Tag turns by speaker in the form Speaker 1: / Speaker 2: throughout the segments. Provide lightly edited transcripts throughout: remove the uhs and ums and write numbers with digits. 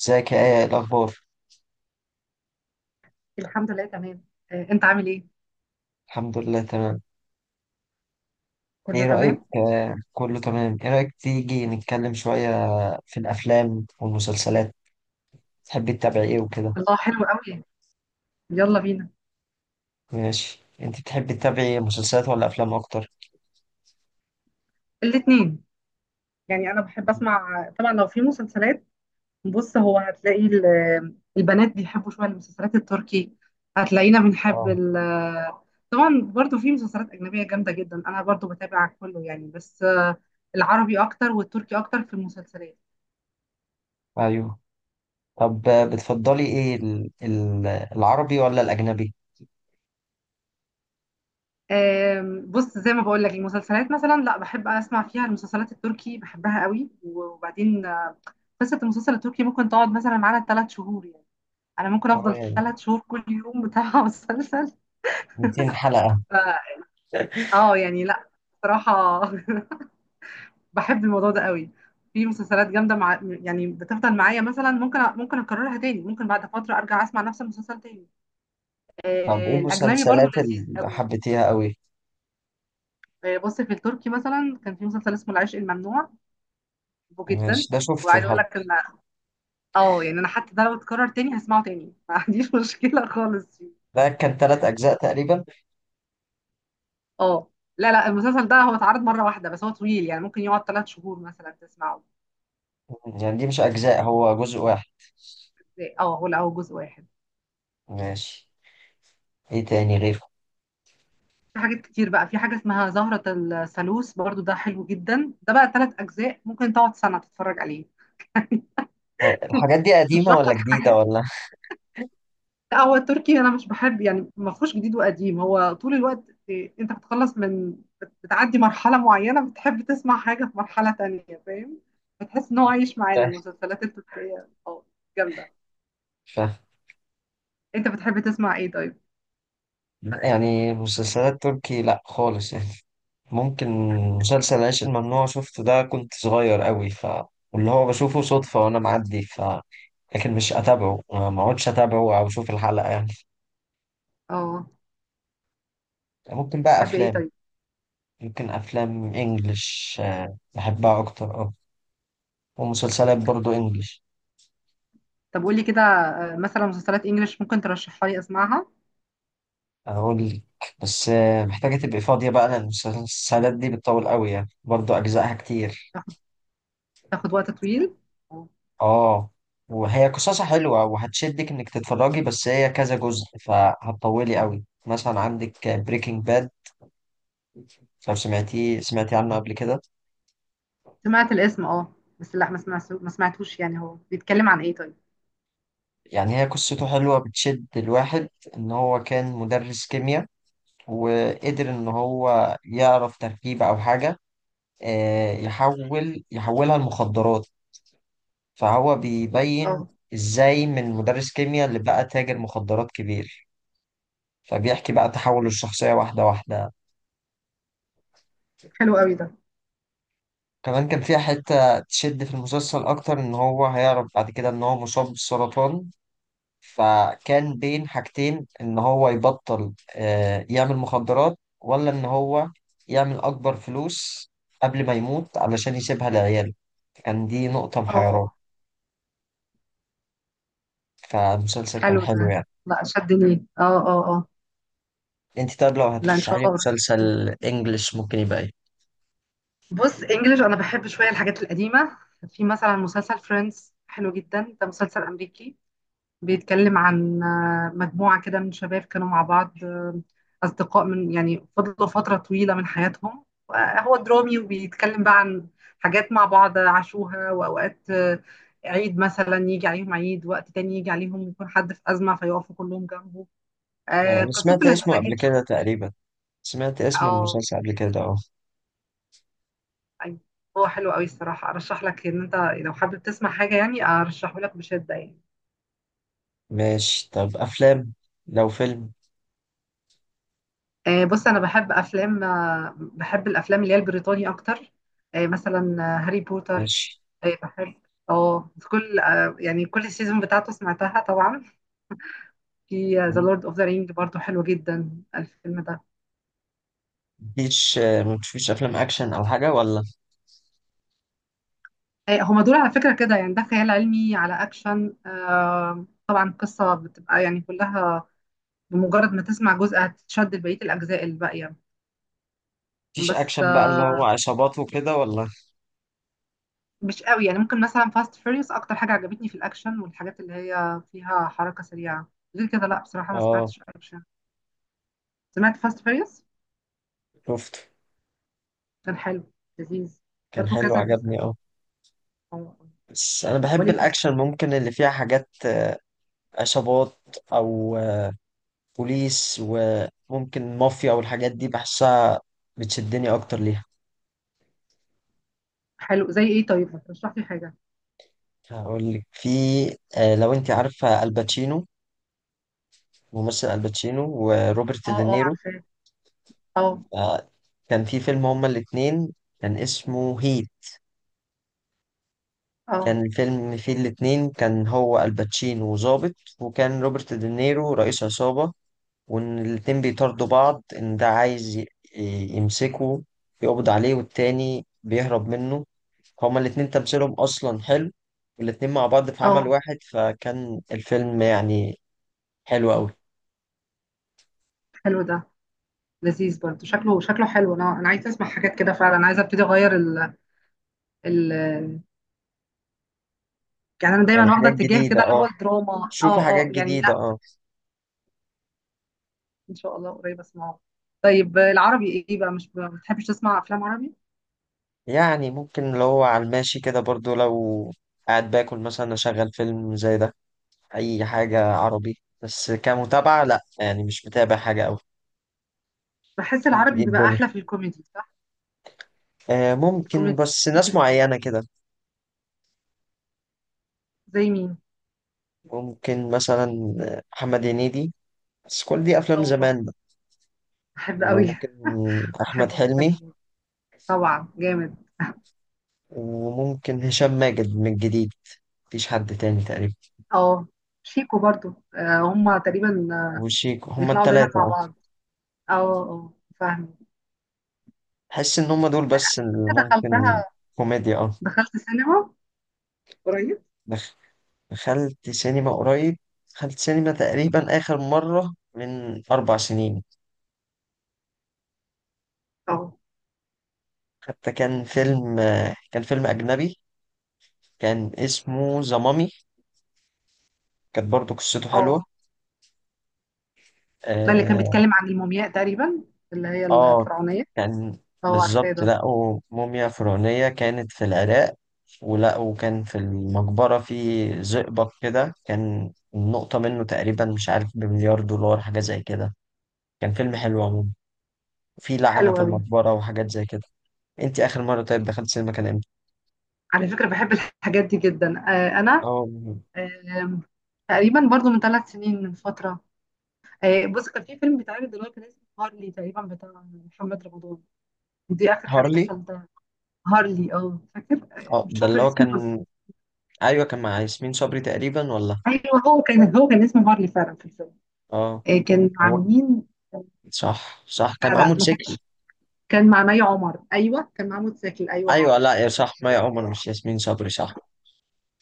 Speaker 1: ازيك؟ يا إيه الاخبار؟
Speaker 2: الحمد لله تمام. انت عامل ايه؟
Speaker 1: الحمد لله تمام.
Speaker 2: كله
Speaker 1: ايه رايك
Speaker 2: تمام.
Speaker 1: آه كله تمام، ايه رايك تيجي نتكلم شويه في الافلام والمسلسلات؟ تحبي تتابعي ايه وكده؟
Speaker 2: الله حلو قوي. يلا بينا.
Speaker 1: ماشي، انت بتحبي تتابعي مسلسلات ولا افلام اكتر؟
Speaker 2: الاتنين. يعني انا بحب اسمع طبعا لو في مسلسلات. بص، هو هتلاقي البنات بيحبوا شويه المسلسلات التركي. هتلاقينا بنحب
Speaker 1: اه،
Speaker 2: ال... طبعا برضو في مسلسلات اجنبيه جامده جدا، انا برضو بتابع كله يعني. بس العربي اكتر والتركي اكتر في المسلسلات.
Speaker 1: ايوه. طب بتفضلي ايه العربي ولا الاجنبي؟
Speaker 2: بص، زي ما بقول لك، المسلسلات مثلا لا، بحب اسمع فيها، المسلسلات التركي بحبها قوي. وبعدين قصة المسلسل التركي ممكن تقعد مثلا معانا 3 شهور يعني. أنا ممكن
Speaker 1: اه
Speaker 2: أفضل
Speaker 1: يعني
Speaker 2: 3 شهور كل يوم بتابع مسلسل.
Speaker 1: 200 حلقه.
Speaker 2: ف... اه، يعني لا، بصراحة بحب الموضوع ده قوي. في مسلسلات جامدة يعني بتفضل معايا، مثلا ممكن ممكن أكررها تاني، ممكن بعد فترة أرجع أسمع نفس المسلسل تاني.
Speaker 1: طب ايه
Speaker 2: الأجنبي برضو
Speaker 1: المسلسلات
Speaker 2: لذيذ
Speaker 1: اللي
Speaker 2: قوي.
Speaker 1: حبيتيها قوي؟
Speaker 2: بص، في التركي مثلا كان في مسلسل اسمه العشق الممنوع، بحبه
Speaker 1: ماشي،
Speaker 2: جدا.
Speaker 1: ده شفته
Speaker 2: وعايزة أقول لك
Speaker 1: حتى.
Speaker 2: إن اه، يعني أنا حتى ده لو اتكرر تاني هسمعه تاني، ما عنديش مشكلة خالص.
Speaker 1: ده كان 3 اجزاء تقريبا.
Speaker 2: اه. لا لا، المسلسل ده هو اتعرض مره واحده، بس هو طويل يعني ممكن يقعد 3 شهور مثلا تسمعه.
Speaker 1: يعني دي مش اجزاء، هو جزء واحد.
Speaker 2: اه، ولا او جزء واحد.
Speaker 1: ماشي. ايه تاني غير؟
Speaker 2: في حاجات كتير بقى، في حاجه اسمها زهره. الثالوث برضو ده حلو جدا، ده بقى 3 اجزاء ممكن تقعد سنه تتفرج عليه.
Speaker 1: الحاجات دي قديمة
Speaker 2: بشرح
Speaker 1: ولا
Speaker 2: لك
Speaker 1: جديدة
Speaker 2: حاجات.
Speaker 1: ولا؟
Speaker 2: لا، هو التركي انا مش بحب يعني، ما فيهوش جديد وقديم، هو طول الوقت إيه، انت بتخلص من بتعدي مرحله معينه، بتحب تسمع حاجه في مرحله تانية، فاهم؟ بتحس ان هو عايش معانا،
Speaker 1: مش
Speaker 2: المسلسلات التركيه اه، جامده.
Speaker 1: فاهم.
Speaker 2: انت بتحب تسمع ايه طيب؟
Speaker 1: لا، يعني مسلسلات تركي لا خالص يعني. ممكن مسلسل العيش الممنوع شفته، ده كنت صغير قوي ف واللي هو بشوفه صدفة وأنا معدي ف لكن مش أتابعه، ما أقعدش أتابعه أو أشوف الحلقة يعني.
Speaker 2: اه.
Speaker 1: ممكن بقى
Speaker 2: بتحبي ايه
Speaker 1: أفلام.
Speaker 2: طيب؟
Speaker 1: ممكن أفلام إنجلش، بحبها أكتر أه. ومسلسلات برضو إنجلش.
Speaker 2: طب قولي كده، مثلا مسلسلات انجليش ممكن ترشحها لي اسمعها.
Speaker 1: أقول لك. بس محتاجة تبقي فاضية بقى لأن المسلسلات دي بتطول قوي يعني برضو أجزائها كتير.
Speaker 2: تاخد تاخد وقت طويل.
Speaker 1: اه. وهي قصصها حلوة وهتشدك انك تتفرجي، بس هي كذا جزء فهتطولي قوي. مثلا عندك بريكنج باد، لو سمعتيه سمعتي عنه قبل كده.
Speaker 2: سمعت الاسم اه، بس لا، ما سمعتوش يعني. هو بيتكلم عن ايه طيب؟
Speaker 1: يعني هي قصته حلوة بتشد الواحد. ان هو كان مدرس كيمياء وقدر ان هو يعرف تركيبة او حاجة، يحولها لمخدرات. فهو بيبين
Speaker 2: اه،
Speaker 1: ازاي من مدرس كيمياء اللي بقى تاجر مخدرات كبير. فبيحكي بقى تحوله الشخصية واحدة واحدة.
Speaker 2: حلو قوي ده.
Speaker 1: كمان كان فيها حتة تشد في المسلسل أكتر، إن هو هيعرف بعد كده إن هو مصاب بالسرطان. فكان بين حاجتين، إن هو يبطل يعمل مخدرات ولا إن هو يعمل أكبر فلوس قبل ما يموت علشان يسيبها لعياله. كان دي نقطة محيراه.
Speaker 2: اه،
Speaker 1: فالمسلسل كان
Speaker 2: حلو ده.
Speaker 1: حلو يعني.
Speaker 2: لا، شدني، اه اه اه.
Speaker 1: أنت طيب لو
Speaker 2: لا، ان
Speaker 1: هترشحي
Speaker 2: شاء
Speaker 1: لي
Speaker 2: الله قريب.
Speaker 1: مسلسل إنجلش ممكن يبقى إيه؟
Speaker 2: بص، انجليش انا بحب شويه الحاجات القديمه. في مثلا مسلسل فريندز حلو جدا، ده مسلسل امريكي. بيتكلم عن مجموعة كده من شباب كانوا مع بعض، أصدقاء، من يعني فضلوا فترة طويلة من حياتهم. هو درامي وبيتكلم بقى عن حاجات مع بعض عاشوها. وأوقات عيد مثلا يجي عليهم، عيد، وقت تاني يجي عليهم يكون حد في أزمة فيقفوا كلهم جنبه.
Speaker 1: أيوة، أنا
Speaker 2: قصته
Speaker 1: سمعت اسمه
Speaker 2: لذيذة
Speaker 1: قبل
Speaker 2: جدا.
Speaker 1: كده تقريبا. سمعت اسم
Speaker 2: اه،
Speaker 1: المسلسل قبل كده أه.
Speaker 2: أيوة. هو حلو قوي الصراحة، أرشح لك إن أنت لو حابب تسمع حاجة يعني، أرشحه لك بشدة يعني.
Speaker 1: ماشي طب أفلام. لو فيلم.
Speaker 2: بص، انا بحب افلام، بحب الافلام اللي هي البريطاني اكتر. مثلا هاري بوتر.
Speaker 1: ماشي.
Speaker 2: بحب. اه، كل يعني كل السيزون بتاعته سمعتها طبعا. في ذا لورد اوف ذا رينج برضو حلو جدا الفيلم ده.
Speaker 1: مفيش مفيش افلام اكشن او حاجه ولا؟
Speaker 2: هما دول على فكرة كده يعني، ده خيال علمي على اكشن، طبعا قصة بتبقى يعني كلها بمجرد ما تسمع جزء هتتشد لبقية الاجزاء الباقية.
Speaker 1: مفيش
Speaker 2: بس
Speaker 1: اكشن بقى اللي هو عصابات وكده ولا؟
Speaker 2: مش قوي يعني. ممكن مثلا فاست فيريوس اكتر حاجه عجبتني، في الاكشن والحاجات اللي هي فيها حركه سريعه. غير كده لا بصراحه ما
Speaker 1: اه
Speaker 2: سمعتش اكشن. سمعت فاست فيريوس،
Speaker 1: شفته.
Speaker 2: كان حلو، لذيذ.
Speaker 1: كان
Speaker 2: برضو
Speaker 1: حلو
Speaker 2: كذا جزء.
Speaker 1: عجبني اه.
Speaker 2: أو-
Speaker 1: بس انا بحب
Speaker 2: وليه، تمام.
Speaker 1: الاكشن، ممكن اللي فيها حاجات عصابات او بوليس وممكن مافيا والحاجات دي بحسها بتشدني اكتر ليها.
Speaker 2: حلو، زي ايه طيب؟ ما ترشح لي حاجه.
Speaker 1: هقول لك. في لو انت عارفه الباتشينو، ممثل الباتشينو وروبرت
Speaker 2: اه اه،
Speaker 1: دينيرو.
Speaker 2: عارفاه. اه
Speaker 1: آه، كان في فيلم هما الاتنين، كان اسمه هيت.
Speaker 2: اه
Speaker 1: كان الفيلم فيه الاتنين، كان هو الباتشينو ظابط وكان روبرت دينيرو رئيس عصابة. وإن الاتنين بيطاردوا بعض، إن ده عايز يمسكه يقبض عليه، والتاني بيهرب منه. هما الاتنين تمثيلهم أصلا حلو، والاتنين مع بعض في عمل
Speaker 2: اه.
Speaker 1: واحد، فكان الفيلم يعني حلو أوي.
Speaker 2: حلو ده، لذيذ برضو. شكله حلو. انا عايزه اسمع حاجات كده فعلا، عايزه ابتدي اغير ال... ال... يعني انا
Speaker 1: يعني
Speaker 2: دايما واخده
Speaker 1: حاجات
Speaker 2: اتجاه
Speaker 1: جديدة
Speaker 2: كده، اللي هو
Speaker 1: اه.
Speaker 2: الدراما.
Speaker 1: شوفي
Speaker 2: اه
Speaker 1: حاجات
Speaker 2: اه يعني،
Speaker 1: جديدة اه.
Speaker 2: ان شاء الله قريب اسمعه. طيب العربي ايه بقى؟ مش ما بتحبش تسمع افلام عربي؟
Speaker 1: يعني ممكن لو هو على الماشي كده برضو، لو قاعد باكل مثلا أشغل فيلم زي ده. اي حاجة عربي بس كمتابعة لا يعني مش متابع حاجة اوي.
Speaker 2: بحس
Speaker 1: انت
Speaker 2: العربي
Speaker 1: ايه
Speaker 2: بيبقى
Speaker 1: الدنيا.
Speaker 2: احلى في الكوميدي، صح؟
Speaker 1: آه ممكن
Speaker 2: الكوميدي.
Speaker 1: بس ناس
Speaker 2: الكوميدي حلو.
Speaker 1: معينة كده.
Speaker 2: زي مين؟
Speaker 1: ممكن مثلا محمد هنيدي، بس كل دي افلام
Speaker 2: اه،
Speaker 1: زمان بقى.
Speaker 2: بحب قوي.
Speaker 1: وممكن احمد
Speaker 2: بحبه جدا
Speaker 1: حلمي.
Speaker 2: هنيدي. طبعا جامد.
Speaker 1: وممكن هشام ماجد من الجديد. مفيش حد تاني تقريبا.
Speaker 2: اه. شيكو برضو. آه، هما تقريبا
Speaker 1: وشيكو، هما
Speaker 2: بيطلعوا دايما
Speaker 1: التلاتة
Speaker 2: مع
Speaker 1: اه.
Speaker 2: بعض. اه اه، فاهمه.
Speaker 1: بحس ان هما دول بس اللي
Speaker 2: دخلتها.
Speaker 1: ممكن كوميديا اه.
Speaker 2: دخلت سينما قريب.
Speaker 1: دخ- دخلت سينما قريب. دخلت سينما تقريبا اخر مرة من 4 سنين.
Speaker 2: اه
Speaker 1: حتى كان فيلم، كان فيلم أجنبي، كان اسمه ذا مامي. كانت برضه قصته حلوة.
Speaker 2: اه، ده اللي كان
Speaker 1: آه.
Speaker 2: بيتكلم عن المومياء تقريبا، اللي هي
Speaker 1: آه
Speaker 2: الفرعونيه.
Speaker 1: كان
Speaker 2: اه عارفاه
Speaker 1: بالظبط
Speaker 2: ده.
Speaker 1: لقوا موميا فرعونية، كانت في العراق. ولقوا كان في المقبرة في زئبق كده، كان النقطة منه تقريبا مش عارف بمليار دولار حاجة زي كده. كان فيلم حلو عموما. في لعنة
Speaker 2: حلو
Speaker 1: في
Speaker 2: قوي.
Speaker 1: المقبرة وحاجات زي كده. انت آخر مرة طيب دخلت سينما كان امتى؟
Speaker 2: على فكرة بحب الحاجات دي جدا. أنا
Speaker 1: اه
Speaker 2: آم، تقريبا برضو من 3 سنين، من فترة. بص كان في فيلم بيتعرض دلوقتي كان اسمه هارلي تقريبا، بتاع محمد رمضان. دي آخر حاجة
Speaker 1: هارلي
Speaker 2: دخلتها. هارلي، اه فاكر.
Speaker 1: اه،
Speaker 2: مش
Speaker 1: ده اللي
Speaker 2: فاكرة
Speaker 1: هو
Speaker 2: اسمه بس.
Speaker 1: كان، ايوه كان مع ياسمين صبري تقريبا ولا؟
Speaker 2: أيوه هو كان اسمه هارلي فعلا في الفيلم.
Speaker 1: اه
Speaker 2: كان
Speaker 1: هو
Speaker 2: عاملين...
Speaker 1: صح صح كان
Speaker 2: لا
Speaker 1: معاه
Speaker 2: لا، ما
Speaker 1: موتوسيكل.
Speaker 2: كان، كان مع مي عمر. أيوه كان مع محمود زكي. أيوه
Speaker 1: ايوه
Speaker 2: هو.
Speaker 1: لا يا صح، ما يا عمر مش ياسمين صبري صح.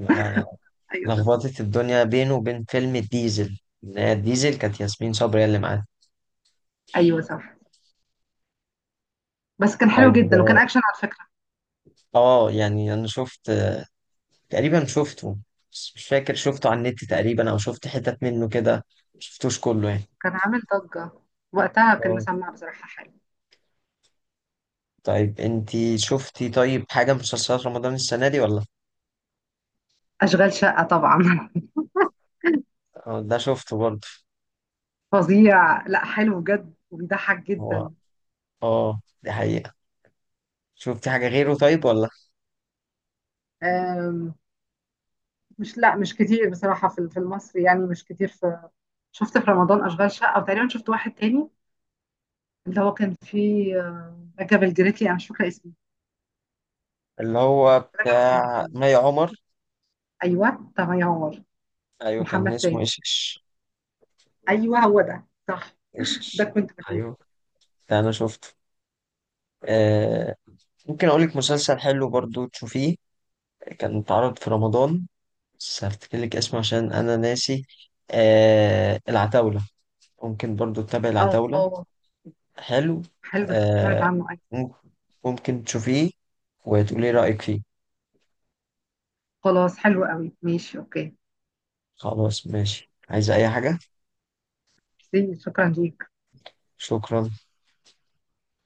Speaker 1: أنا
Speaker 2: أيوه صح.
Speaker 1: لخبطت الدنيا بينه وبين فيلم الديزل، اللي هي الديزل كانت ياسمين صبري هي اللي معاه.
Speaker 2: أيوه صح. بس كان حلو
Speaker 1: طيب
Speaker 2: جدا، وكان أكشن على فكرة.
Speaker 1: اه يعني انا شفت تقريبا شفته، بس مش فاكر شفته على النت تقريبا او شفت حتت منه كده. مشفتوش كله يعني.
Speaker 2: كان عامل ضجة وقتها، كان
Speaker 1: اه
Speaker 2: مسمع بصراحة حلو.
Speaker 1: طيب انتي شفتي طيب حاجة من مسلسلات رمضان السنة دي ولا؟
Speaker 2: أشغال شقة طبعا
Speaker 1: ده شفته برضه.
Speaker 2: فظيع، لا حلو بجد وبيضحك
Speaker 1: هو
Speaker 2: جدا.
Speaker 1: اه دي حقيقة. شفتي حاجة غيره طيب ولا؟
Speaker 2: أم، مش، لا مش كتير بصراحة في المصري يعني، مش كتير. في شفت في رمضان أشغال شقة، وتقريبا شفت واحد تاني، اللي هو كان فيه رجب الجريتي، أنا مش فاكرة اسمه.
Speaker 1: اللي هو
Speaker 2: رجب
Speaker 1: بتاع
Speaker 2: الجريتي،
Speaker 1: مي عمر.
Speaker 2: أيوه طب ينور.
Speaker 1: ايوه كان
Speaker 2: محمد
Speaker 1: اسمه
Speaker 2: سامي،
Speaker 1: ايشش.
Speaker 2: أيوه هو ده صح. ده
Speaker 1: ايشش.
Speaker 2: كنت بجيبه.
Speaker 1: ايوه ده انا شفته. آه ممكن اقول لك مسلسل حلو برضو تشوفيه، كان اتعرض في رمضان، بس هفتكر لك اسمه عشان انا ناسي. آه العتاولة، ممكن برضو تتابع العتاولة.
Speaker 2: اه،
Speaker 1: حلو.
Speaker 2: حلو ده، سمعت
Speaker 1: آه
Speaker 2: عنه أيوه.
Speaker 1: مم- ممكن تشوفيه وتقولي رأيك فيه.
Speaker 2: خلاص، حلو قوي، ماشي، أوكي.
Speaker 1: خلاص ماشي، عايز اي حاجة؟
Speaker 2: ميرسي، شكرا ليك.
Speaker 1: شكرا.